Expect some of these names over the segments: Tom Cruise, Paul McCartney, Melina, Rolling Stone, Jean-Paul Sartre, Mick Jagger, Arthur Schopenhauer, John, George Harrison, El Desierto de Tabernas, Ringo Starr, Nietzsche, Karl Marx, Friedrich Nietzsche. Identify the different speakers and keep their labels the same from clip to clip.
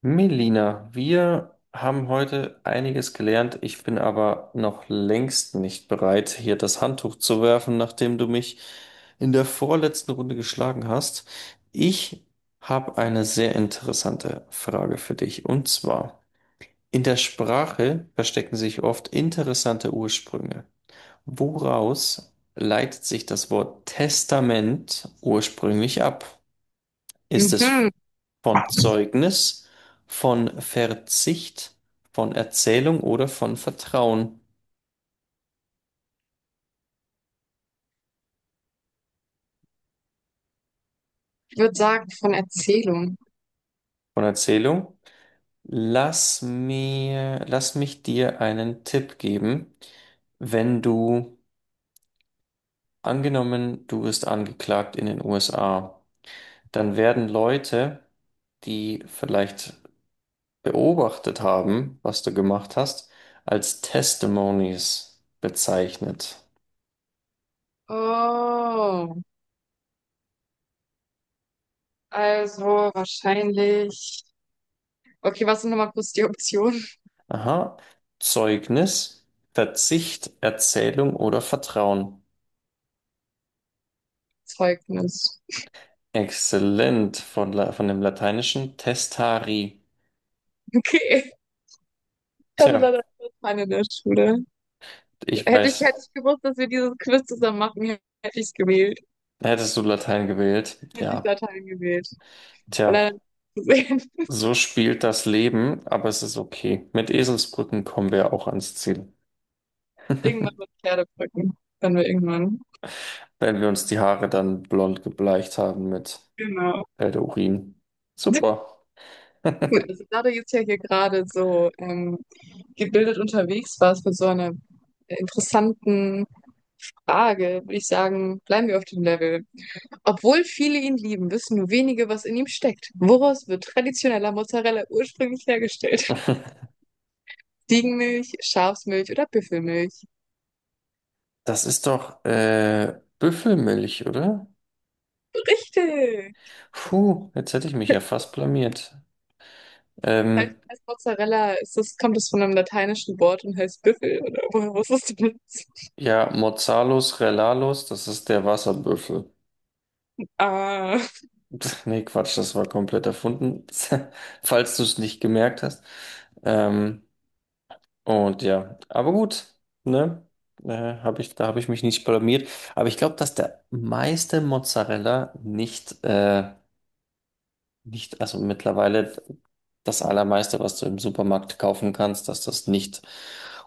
Speaker 1: Melina, wir haben heute einiges gelernt. Ich bin aber noch längst nicht bereit, hier das Handtuch zu werfen, nachdem du mich in der vorletzten Runde geschlagen hast. Ich habe eine sehr interessante Frage für dich. Und zwar, in der Sprache verstecken sich oft interessante Ursprünge. Woraus leitet sich das Wort Testament ursprünglich ab? Ist es
Speaker 2: Mhm.
Speaker 1: von Zeugnis, von Verzicht, von Erzählung oder von Vertrauen?
Speaker 2: Ich würde sagen, von Erzählung.
Speaker 1: Von Erzählung. Lass mich dir einen Tipp geben. Wenn du, angenommen, du wirst angeklagt in den USA, dann werden Leute, die vielleicht beobachtet haben, was du gemacht hast, als Testimonies bezeichnet.
Speaker 2: Oh, also wahrscheinlich. Okay, was sind nochmal kurz die Optionen?
Speaker 1: Aha. Zeugnis, Verzicht, Erzählung oder Vertrauen.
Speaker 2: Zeugnis.
Speaker 1: Exzellent von, La von dem lateinischen testari.
Speaker 2: Okay. Ich hatte
Speaker 1: Tja,
Speaker 2: leider keine in der Schule.
Speaker 1: ich
Speaker 2: Hätte ich, hätte
Speaker 1: weiß,
Speaker 2: ich gewusst, dass wir dieses Quiz zusammen machen, hätte ich es gewählt.
Speaker 1: hättest du Latein gewählt?
Speaker 2: Hätte ich
Speaker 1: Ja.
Speaker 2: Latein gewählt. Weil leider
Speaker 1: Tja,
Speaker 2: nicht gesehen,
Speaker 1: so spielt das Leben, aber es ist okay. Mit Eselsbrücken kommen wir auch ans Ziel.
Speaker 2: irgendwann mit Pferdebrücken. Dann wir irgendwann.
Speaker 1: Wenn wir uns die Haare dann blond gebleicht haben mit
Speaker 2: Genau.
Speaker 1: Pferdeurin. Super.
Speaker 2: Gut, also da du jetzt ja hier gerade so gebildet unterwegs warst mit so einer interessanten Frage, würde ich sagen, bleiben wir auf dem Level. Obwohl viele ihn lieben, wissen nur wenige, was in ihm steckt. Woraus wird traditioneller Mozzarella ursprünglich hergestellt? Ziegenmilch, Schafsmilch oder Büffelmilch?
Speaker 1: Das ist doch Büffelmilch, oder?
Speaker 2: Richtig!
Speaker 1: Puh, jetzt hätte ich mich ja fast blamiert. Ähm,
Speaker 2: Als Mozzarella ist das, kommt es von einem lateinischen Wort und heißt Büffel, oder woher wusstest du das?
Speaker 1: ja, Mozzalos Relalos, das ist der Wasserbüffel.
Speaker 2: Ah,
Speaker 1: Nee, Quatsch, das war komplett erfunden, falls du es nicht gemerkt hast. Ähm, und ja, aber gut, ne? Da habe ich mich nicht blamiert. Aber ich glaube, dass der meiste Mozzarella nicht, nicht, also mittlerweile das allermeiste, was du im Supermarkt kaufen kannst, dass das nicht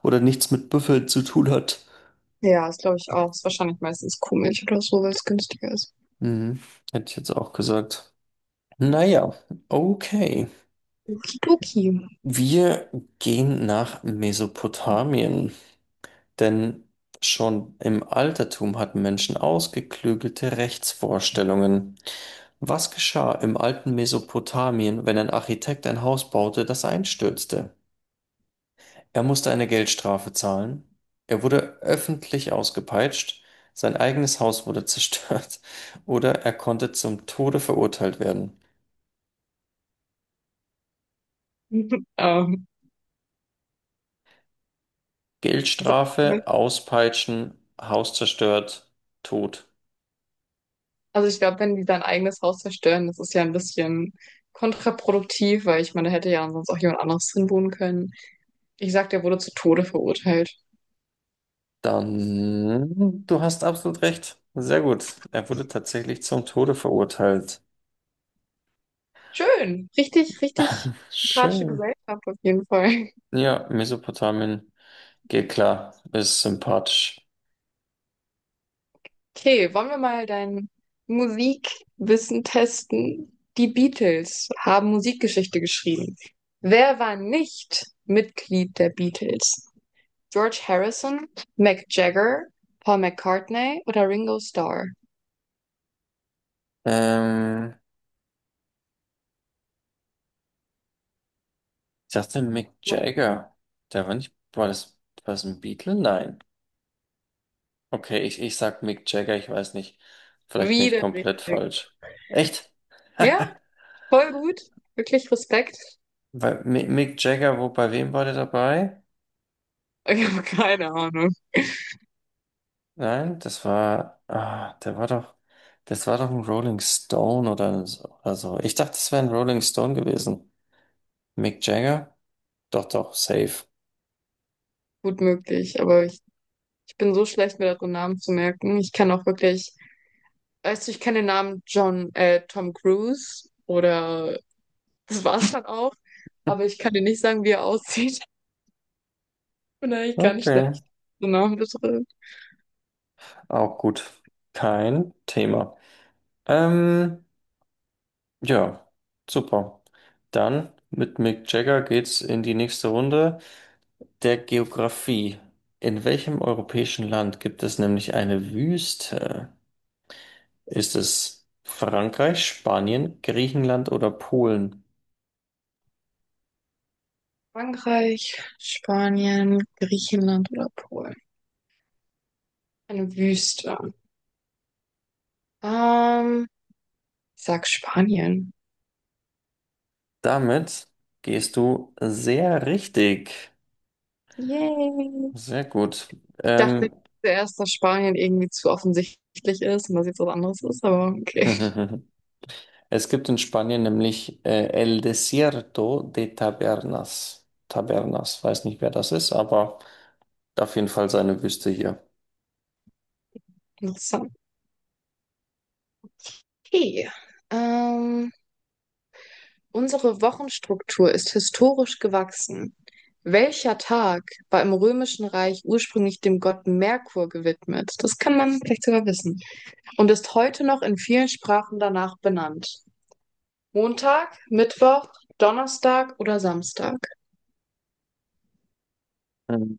Speaker 1: oder nichts mit Büffel zu tun hat.
Speaker 2: ja, ist glaube ich auch. Ist wahrscheinlich meistens Kuhmilch oder so, weil es günstiger ist.
Speaker 1: Mhm. Hätte ich jetzt auch gesagt.
Speaker 2: Ja.
Speaker 1: Naja, okay.
Speaker 2: Okidoki.
Speaker 1: Wir gehen nach Mesopotamien, denn schon im Altertum hatten Menschen ausgeklügelte Rechtsvorstellungen. Was geschah im alten Mesopotamien, wenn ein Architekt ein Haus baute, das einstürzte? Er musste eine Geldstrafe zahlen, er wurde öffentlich ausgepeitscht, sein eigenes Haus wurde zerstört oder er konnte zum Tode verurteilt werden.
Speaker 2: Ähm, sag mal,
Speaker 1: Geldstrafe, Auspeitschen, Haus zerstört, Tod.
Speaker 2: also ich glaube, wenn die sein eigenes Haus zerstören, das ist ja ein bisschen kontraproduktiv, weil ich meine, da hätte ja sonst auch jemand anderes drin wohnen können. Ich sag, der wurde zu Tode verurteilt.
Speaker 1: Dann, du hast absolut recht. Sehr gut. Er wurde tatsächlich zum Tode verurteilt.
Speaker 2: Schön. Richtig, richtig sympathische
Speaker 1: Schön.
Speaker 2: Gesellschaft auf jeden Fall.
Speaker 1: Ja, Mesopotamien geht klar, ist sympathisch.
Speaker 2: Okay, wollen wir mal dein Musikwissen testen? Die Beatles haben Musikgeschichte geschrieben. Wer war nicht Mitglied der Beatles? George Harrison, Mick Jagger, Paul McCartney oder Ringo Starr?
Speaker 1: Ähm, ich dachte Mick Jagger. Der war nicht, war das ein Beatle? Nein. Okay, ich sag Mick Jagger, ich weiß nicht. Vielleicht bin ich
Speaker 2: Wieder
Speaker 1: komplett
Speaker 2: richtig.
Speaker 1: falsch. Echt?
Speaker 2: Ja, voll gut. Wirklich Respekt.
Speaker 1: Bei Mick Jagger, wo, bei wem war der dabei?
Speaker 2: Ich habe keine Ahnung.
Speaker 1: Nein, der war doch, das war doch ein Rolling Stone oder so. Oder so. Ich dachte, das wäre ein Rolling Stone gewesen. Mick Jagger? Doch, doch, safe.
Speaker 2: Gut möglich, aber ich bin so schlecht, mir darin Namen zu merken. Ich kann auch wirklich, weißt du, ich kenne den Namen John, Tom Cruise oder das war's dann auch, aber ich kann dir nicht sagen, wie er aussieht. Ich bin eigentlich ganz
Speaker 1: Okay,
Speaker 2: schlecht. So Namen bitte.
Speaker 1: auch gut. Kein Thema. Ähm, ja, super. Dann mit Mick Jagger geht's in die nächste Runde der Geografie. In welchem europäischen Land gibt es nämlich eine Wüste? Ist es Frankreich, Spanien, Griechenland oder Polen?
Speaker 2: Frankreich, Spanien, Griechenland oder Polen. Eine Wüste. Ähm, ich sag Spanien.
Speaker 1: Damit gehst du sehr richtig.
Speaker 2: Yay.
Speaker 1: Sehr gut.
Speaker 2: Ich dachte
Speaker 1: Ähm,
Speaker 2: zuerst, dass Spanien irgendwie zu offensichtlich ist und dass jetzt was anderes ist, aber okay.
Speaker 1: es gibt in Spanien nämlich El Desierto de Tabernas. Tabernas, weiß nicht, wer das ist, aber auf jeden Fall seine Wüste hier.
Speaker 2: Interessant. Okay. Ähm, unsere Wochenstruktur ist historisch gewachsen. Welcher Tag war im Römischen Reich ursprünglich dem Gott Merkur gewidmet? Das kann man vielleicht sogar wissen. Und ist heute noch in vielen Sprachen danach benannt. Montag, Mittwoch, Donnerstag oder Samstag?
Speaker 1: Mhm.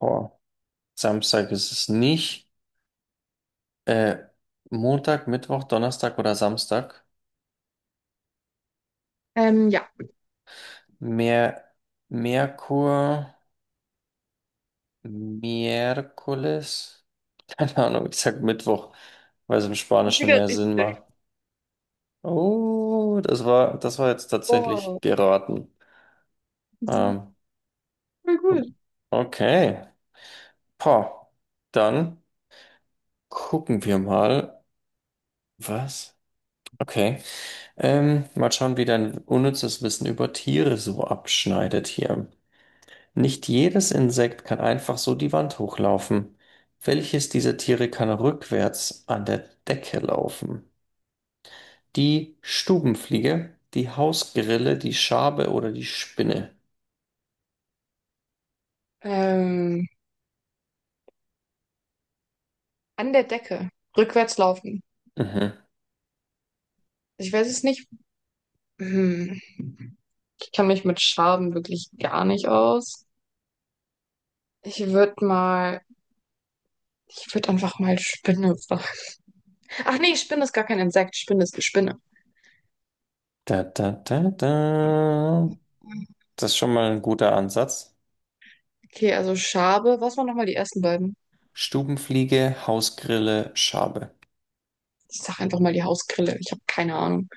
Speaker 1: Oh, Samstag ist es nicht. Äh, Montag, Mittwoch, Donnerstag oder Samstag?
Speaker 2: Ja.
Speaker 1: Mer Merkur. Miércoles? Keine Ahnung, ich sag Mittwoch, weil es im Spanischen
Speaker 2: Wieder
Speaker 1: mehr Sinn
Speaker 2: richtig.
Speaker 1: macht. Oh, das war jetzt tatsächlich
Speaker 2: Oh,
Speaker 1: geraten.
Speaker 2: das ist
Speaker 1: Ähm,
Speaker 2: voll gut.
Speaker 1: okay. Pah. Dann gucken wir mal. Was? Okay. Mal schauen, wie dein unnützes Wissen über Tiere so abschneidet hier. Nicht jedes Insekt kann einfach so die Wand hochlaufen. Welches dieser Tiere kann rückwärts an der Decke laufen? Die Stubenfliege, die Hausgrille, die Schabe oder die Spinne.
Speaker 2: Ähm, an der Decke. Rückwärts laufen.
Speaker 1: Mhm.
Speaker 2: Ich weiß es nicht. Hm. Ich kann mich mit Schaben wirklich gar nicht aus. Ich würde mal, ich würde einfach mal Spinne sagen. Ach nee, Spinne ist gar kein Insekt. Spinne ist eine Spinne.
Speaker 1: Da, da, da, da. Das ist schon mal ein guter Ansatz.
Speaker 2: Okay, also Schabe. Was waren nochmal die ersten beiden?
Speaker 1: Stubenfliege, Hausgrille, Schabe.
Speaker 2: Ich sag einfach mal die Hausgrille. Ich habe keine Ahnung.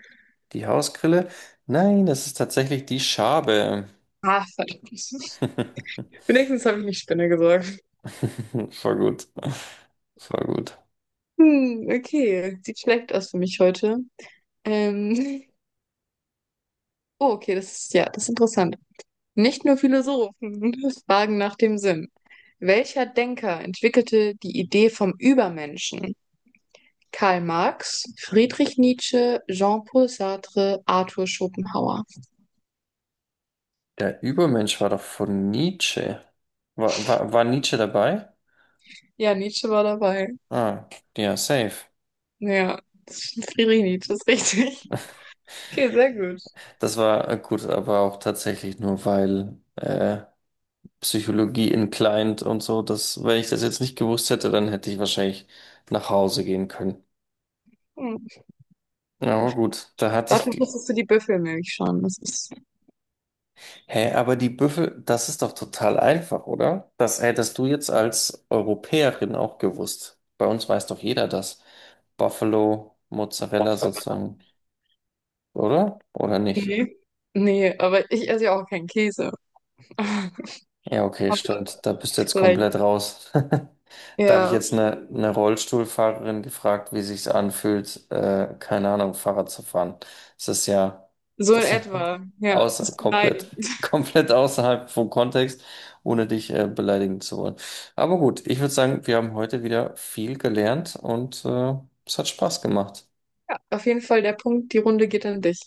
Speaker 1: Die Hausgrille? Nein, das ist tatsächlich die Schabe.
Speaker 2: Ah, verdammt. Wenigstens habe ich nicht Spinne gesagt.
Speaker 1: Voll gut. Voll gut.
Speaker 2: Hm, okay. Sieht schlecht aus für mich heute. Ähm. Oh, okay, das ist ja, das ist interessant. Nicht nur Philosophen fragen nach dem Sinn. Welcher Denker entwickelte die Idee vom Übermenschen? Karl Marx, Friedrich Nietzsche, Jean-Paul Sartre, Arthur Schopenhauer.
Speaker 1: Der Übermensch war doch von Nietzsche. War Nietzsche dabei?
Speaker 2: Ja, Nietzsche war dabei.
Speaker 1: Ah, ja, safe.
Speaker 2: Ja, das ist, Friedrich Nietzsche ist richtig. Okay, sehr gut.
Speaker 1: Das war gut, aber auch tatsächlich nur, weil Psychologie in Client und so. Das, wenn ich das jetzt nicht gewusst hätte, dann hätte ich wahrscheinlich nach Hause gehen können.
Speaker 2: Hm.
Speaker 1: Ja, aber gut, da hatte ich.
Speaker 2: Dafür
Speaker 1: Glück.
Speaker 2: wusstest du die Büffelmilch schon. Das ist.
Speaker 1: Hä, aber die Büffel, das ist doch total einfach, oder? Das hättest du jetzt als Europäerin auch gewusst. Bei uns weiß doch jeder das. Buffalo, Mozzarella sozusagen, oder? Oder nicht?
Speaker 2: Nee. Nee, aber ich esse ja auch keinen Käse.
Speaker 1: Ja, okay,
Speaker 2: Aber
Speaker 1: stimmt. Da bist du jetzt
Speaker 2: vielleicht.
Speaker 1: komplett raus. Da habe ich
Speaker 2: Ja.
Speaker 1: jetzt eine Rollstuhlfahrerin gefragt, wie sich's anfühlt, keine Ahnung, Fahrrad zu fahren. Das ist ja
Speaker 2: So in
Speaker 1: das
Speaker 2: etwa, ja.
Speaker 1: außer,
Speaker 2: Ist
Speaker 1: komplett,
Speaker 2: beleidigend.
Speaker 1: komplett außerhalb vom Kontext, ohne dich beleidigen zu wollen. Aber gut, ich würde sagen, wir haben heute wieder viel gelernt und es hat Spaß gemacht.
Speaker 2: Auf jeden Fall der Punkt, die Runde geht an dich.